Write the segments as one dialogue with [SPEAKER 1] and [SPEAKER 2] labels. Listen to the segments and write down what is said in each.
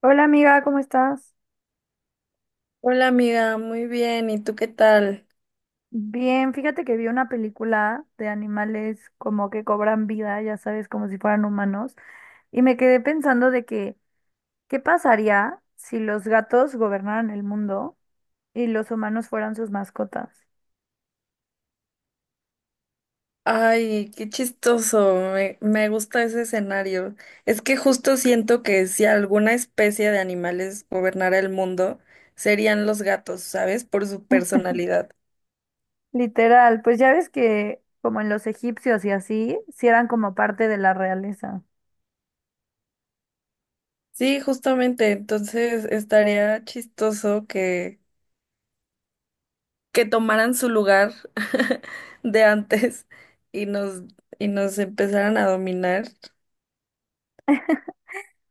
[SPEAKER 1] Hola amiga, ¿cómo estás?
[SPEAKER 2] Hola amiga, muy bien. ¿Y tú qué tal?
[SPEAKER 1] Bien, fíjate que vi una película de animales como que cobran vida, ya sabes, como si fueran humanos, y me quedé pensando de que, ¿qué pasaría si los gatos gobernaran el mundo y los humanos fueran sus mascotas?
[SPEAKER 2] Ay, qué chistoso. Me gusta ese escenario. Es que justo siento que si alguna especie de animales gobernara el mundo, serían los gatos, ¿sabes? Por su personalidad.
[SPEAKER 1] Literal, pues ya ves que como en los egipcios y así, si eran como parte de la realeza.
[SPEAKER 2] Sí, justamente. Entonces estaría chistoso que tomaran su lugar de antes y nos empezaran a dominar.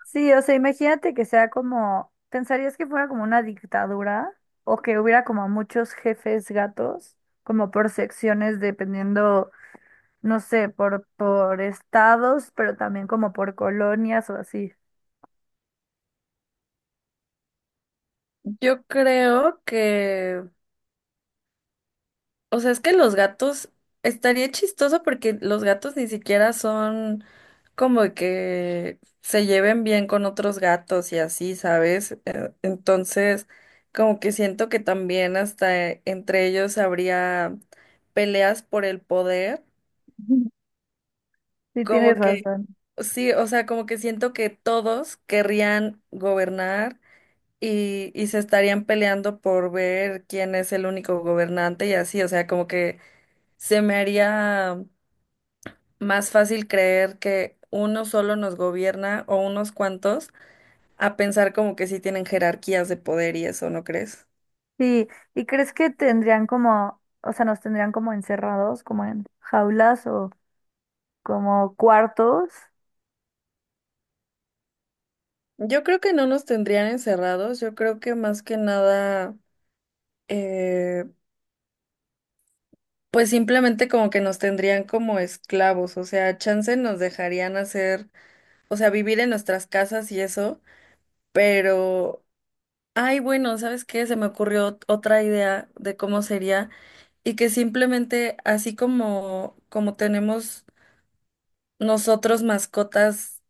[SPEAKER 1] Sí, o sea, imagínate que sea como, ¿pensarías que fuera como una dictadura o que hubiera como muchos jefes gatos, como por secciones dependiendo, no sé, por estados, pero también como por colonias o así?
[SPEAKER 2] Yo creo que... O sea, es que los gatos estaría chistoso porque los gatos ni siquiera son como que se lleven bien con otros gatos y así, ¿sabes? Entonces, como que siento que también hasta entre ellos habría peleas por el poder,
[SPEAKER 1] Ujú. Sí, tienes
[SPEAKER 2] como que
[SPEAKER 1] razón.
[SPEAKER 2] sí, o sea, como que siento que todos querrían gobernar y se estarían peleando por ver quién es el único gobernante y así, o sea, como que se me haría más fácil creer que uno solo nos gobierna o unos cuantos a pensar como que sí tienen jerarquías de poder y eso, ¿no crees?
[SPEAKER 1] Sí, ¿y crees que tendrían como, o sea, nos tendrían como encerrados, como en jaulas o como cuartos?
[SPEAKER 2] Yo creo que no nos tendrían encerrados, yo creo que más que nada, eh, pues simplemente como que nos tendrían como esclavos, o sea, chance nos dejarían hacer, o sea, vivir en nuestras casas y eso, pero, ay, bueno, ¿sabes qué? Se me ocurrió otra idea de cómo sería y que simplemente así como tenemos nosotros mascotas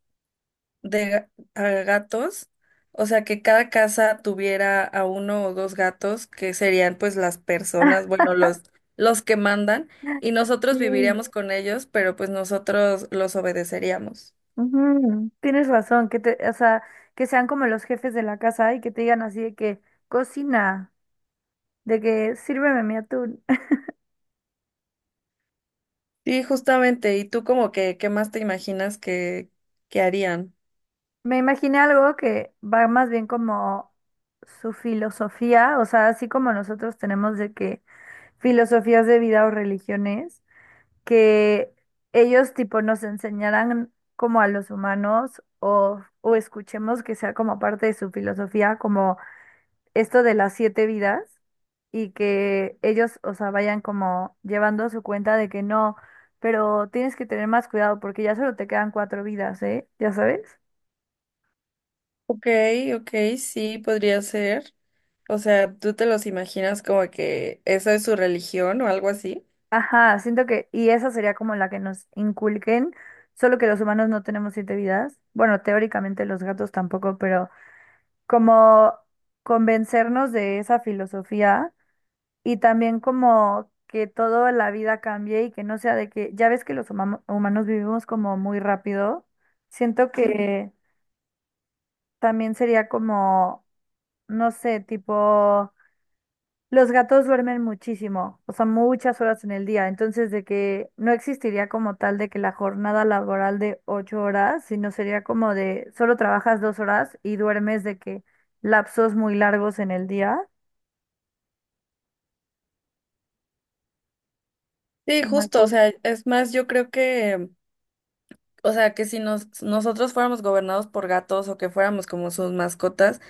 [SPEAKER 2] de ga- a gatos, o sea, que cada casa tuviera a uno o dos gatos, que serían pues las personas, bueno, los que mandan, y nosotros
[SPEAKER 1] Sí.
[SPEAKER 2] viviríamos con ellos, pero pues nosotros los obedeceríamos.
[SPEAKER 1] Ujú, tienes razón, que te, o sea, que sean como los jefes de la casa y que te digan así de que cocina, de que sírveme mi atún.
[SPEAKER 2] Sí, justamente, ¿y tú como que qué más te imaginas que harían?
[SPEAKER 1] Me imaginé algo que va más bien como su filosofía, o sea, así como nosotros tenemos de que filosofías de vida o religiones, que ellos tipo nos enseñaran como a los humanos o escuchemos que sea como parte de su filosofía, como esto de las siete vidas y que ellos, o sea, vayan como llevando su cuenta de que no, pero tienes que tener más cuidado porque ya solo te quedan cuatro vidas, ¿eh? ¿Ya sabes?
[SPEAKER 2] Ok, ok, sí, podría ser. O sea, ¿tú te los imaginas como que esa es su religión o algo así?
[SPEAKER 1] Ajá, siento que, y esa sería como la que nos inculquen, solo que los humanos no tenemos siete vidas. Bueno, teóricamente los gatos tampoco, pero como convencernos de esa filosofía y también como que toda la vida cambie y que no sea de que, ya ves que los humanos vivimos como muy rápido, siento, sí, que también sería como, no sé, tipo, los gatos duermen muchísimo, o sea, muchas horas en el día, entonces de que no existiría como tal de que la jornada laboral de 8 horas, sino sería como de, solo trabajas 2 horas y duermes de que lapsos muy largos en el día.
[SPEAKER 2] Sí,
[SPEAKER 1] Se me
[SPEAKER 2] justo, o
[SPEAKER 1] ocurre.
[SPEAKER 2] sea, es más, yo creo que, o sea, que si nos, nosotros fuéramos gobernados por gatos o que fuéramos como sus mascotas,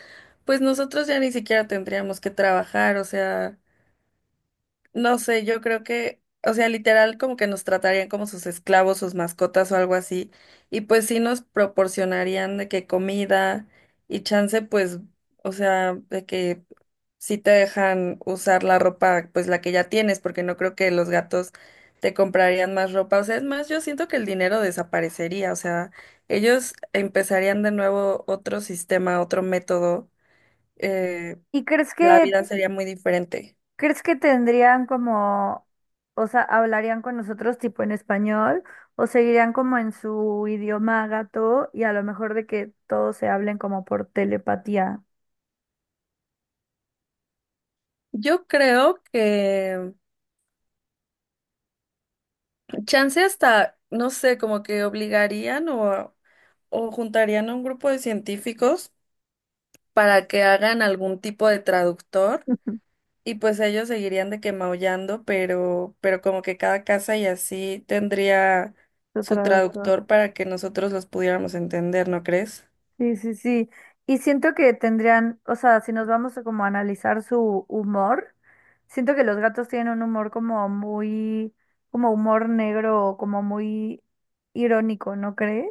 [SPEAKER 2] pues nosotros ya ni siquiera tendríamos que trabajar, o sea, no sé, yo creo que, o sea, literal como que nos tratarían como sus esclavos, sus mascotas o algo así, y pues sí nos proporcionarían de que comida y chance, pues, o sea, de que sí te dejan usar la ropa, pues la que ya tienes, porque no creo que los gatos te comprarían más ropa, o sea, es más, yo siento que el dinero desaparecería, o sea, ellos empezarían de nuevo otro sistema, otro método, eh,
[SPEAKER 1] ¿Y crees
[SPEAKER 2] la
[SPEAKER 1] que
[SPEAKER 2] vida sería muy diferente.
[SPEAKER 1] ¿Crees que tendrían como, o sea, hablarían con nosotros tipo en español o seguirían como en su idioma gato y a lo mejor de que todos se hablen como por telepatía?
[SPEAKER 2] Yo creo que chance hasta, no sé, como que obligarían o juntarían a un grupo de científicos para que hagan algún tipo de traductor y pues ellos seguirían de que maullando, pero como que cada casa y así tendría
[SPEAKER 1] Su
[SPEAKER 2] su
[SPEAKER 1] traductor.
[SPEAKER 2] traductor para que nosotros los pudiéramos entender, ¿no crees?
[SPEAKER 1] Sí, sí, sí. Y siento que tendrían, o sea, si nos vamos a como analizar su humor, siento que los gatos tienen un humor como muy, como humor negro, como muy irónico, ¿no crees?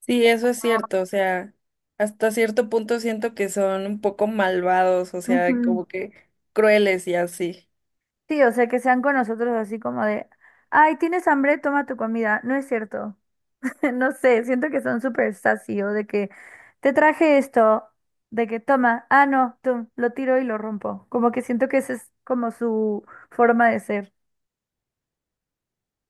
[SPEAKER 2] Sí, eso es cierto, o sea, hasta cierto punto siento que son un poco malvados, o sea,
[SPEAKER 1] Ujú.
[SPEAKER 2] como que crueles y así.
[SPEAKER 1] Sí, o sea, que sean con nosotros así como de, ay, ¿tienes hambre? Toma tu comida. No es cierto. No sé, siento que son súper sassy o de que te traje esto, de que toma, ah, no, tú, lo tiro y lo rompo. Como que siento que esa es como su forma de ser.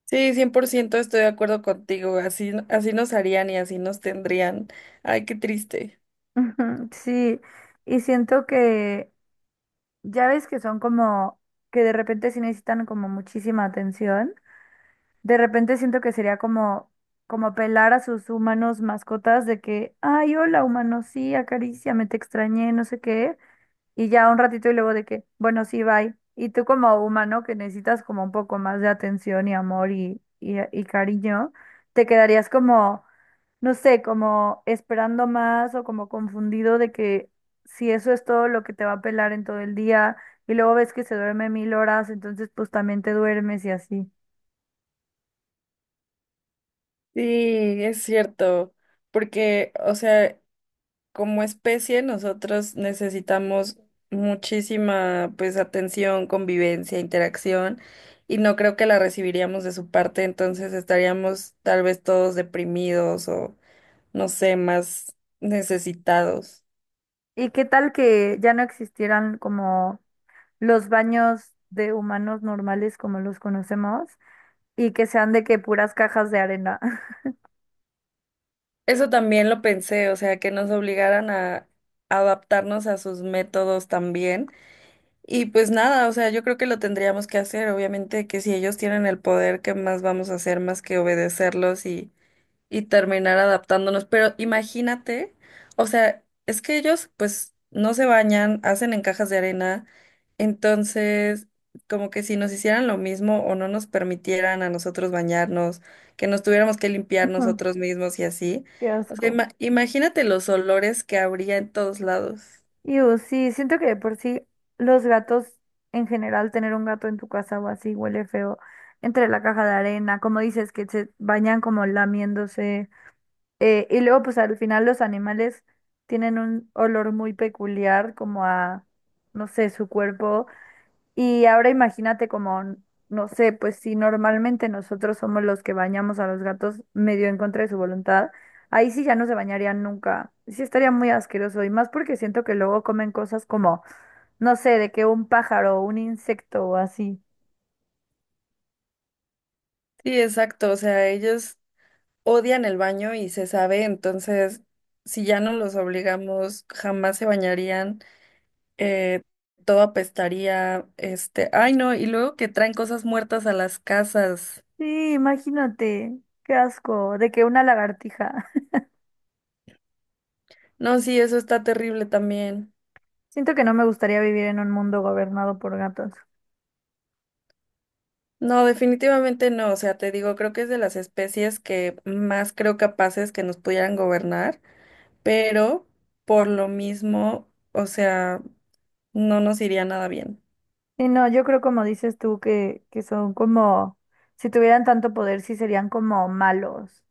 [SPEAKER 2] Sí, 100% estoy de acuerdo contigo. Así, así nos harían y así nos tendrían. Ay, qué triste.
[SPEAKER 1] Ujú, sí, y siento que ya ves que son como que de repente sí necesitan como muchísima atención. De repente siento que sería como, como apelar a sus humanos mascotas de que, ay, hola, humano, sí, acaríciame, te extrañé, no sé qué. Y ya un ratito y luego de que, bueno, sí, bye. Y tú como humano que necesitas como un poco más de atención y amor y cariño, te quedarías como, no sé, como esperando más o como confundido de que si eso es todo lo que te va a apelar en todo el día y luego ves que se duerme 1.000 horas, entonces pues también te duermes y así.
[SPEAKER 2] Sí, es cierto. Porque, o sea, como especie nosotros necesitamos muchísima, pues, atención, convivencia, interacción, y no creo que la recibiríamos de su parte, entonces estaríamos tal vez todos deprimidos o, no sé, más necesitados.
[SPEAKER 1] ¿Y qué tal que ya no existieran como los baños de humanos normales como los conocemos y que sean de que puras cajas de arena?
[SPEAKER 2] Eso también lo pensé, o sea, que nos obligaran a adaptarnos a sus métodos también. Y pues nada, o sea, yo creo que lo tendríamos que hacer, obviamente que si ellos tienen el poder, ¿qué más vamos a hacer más que obedecerlos y terminar adaptándonos. Pero imagínate, o sea, es que ellos pues no se bañan, hacen en cajas de arena, entonces como que si nos hicieran lo mismo o no nos permitieran a nosotros bañarnos, que nos tuviéramos que limpiar
[SPEAKER 1] Ujú,
[SPEAKER 2] nosotros mismos y así.
[SPEAKER 1] qué
[SPEAKER 2] O sea,
[SPEAKER 1] asco.
[SPEAKER 2] imagínate los olores que habría en todos lados.
[SPEAKER 1] Y sí, siento que de por sí los gatos en general, tener un gato en tu casa o así huele feo. Entre la caja de arena, como dices, que se bañan como lamiéndose. Y luego, pues al final los animales tienen un olor muy peculiar como a, no sé, su cuerpo. Y ahora imagínate como, no sé, pues si normalmente nosotros somos los que bañamos a los gatos medio en contra de su voluntad, ahí sí ya no se bañarían nunca. Sí estaría muy asqueroso y más porque siento que luego comen cosas como, no sé, de que un pájaro o un insecto o así.
[SPEAKER 2] Sí, exacto, o sea, ellos odian el baño y se sabe, entonces si ya no los obligamos, jamás se bañarían. eh, Todo apestaría, ay no, y luego que traen cosas muertas a las casas.
[SPEAKER 1] Sí, imagínate, qué asco, de que una lagartija.
[SPEAKER 2] No, sí, eso está terrible también.
[SPEAKER 1] Siento que no me gustaría vivir en un mundo gobernado por gatos.
[SPEAKER 2] No, definitivamente no, o sea, te digo, creo que es de las especies que más creo capaces que nos pudieran gobernar, pero por lo mismo, o sea, no nos iría nada bien.
[SPEAKER 1] Y no, yo creo como dices tú que son como, si tuvieran tanto poder, sí serían como malos.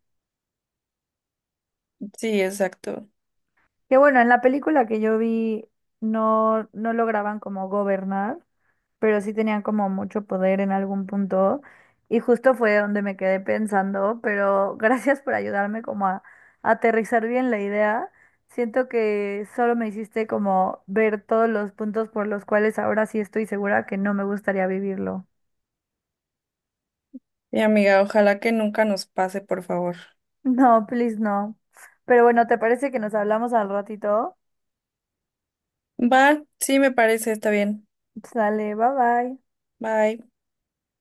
[SPEAKER 2] Sí, exacto.
[SPEAKER 1] Que bueno, en la película que yo vi no lograban como gobernar, pero sí tenían como mucho poder en algún punto. Y justo fue donde me quedé pensando, pero gracias por ayudarme como a aterrizar bien la idea. Siento que solo me hiciste como ver todos los puntos por los cuales ahora sí estoy segura que no me gustaría vivirlo.
[SPEAKER 2] Y amiga, ojalá que nunca nos pase, por favor.
[SPEAKER 1] No, please no. Pero bueno, ¿te parece que nos hablamos al ratito?
[SPEAKER 2] Va, sí me parece, está bien.
[SPEAKER 1] Sale, bye bye.
[SPEAKER 2] Bye.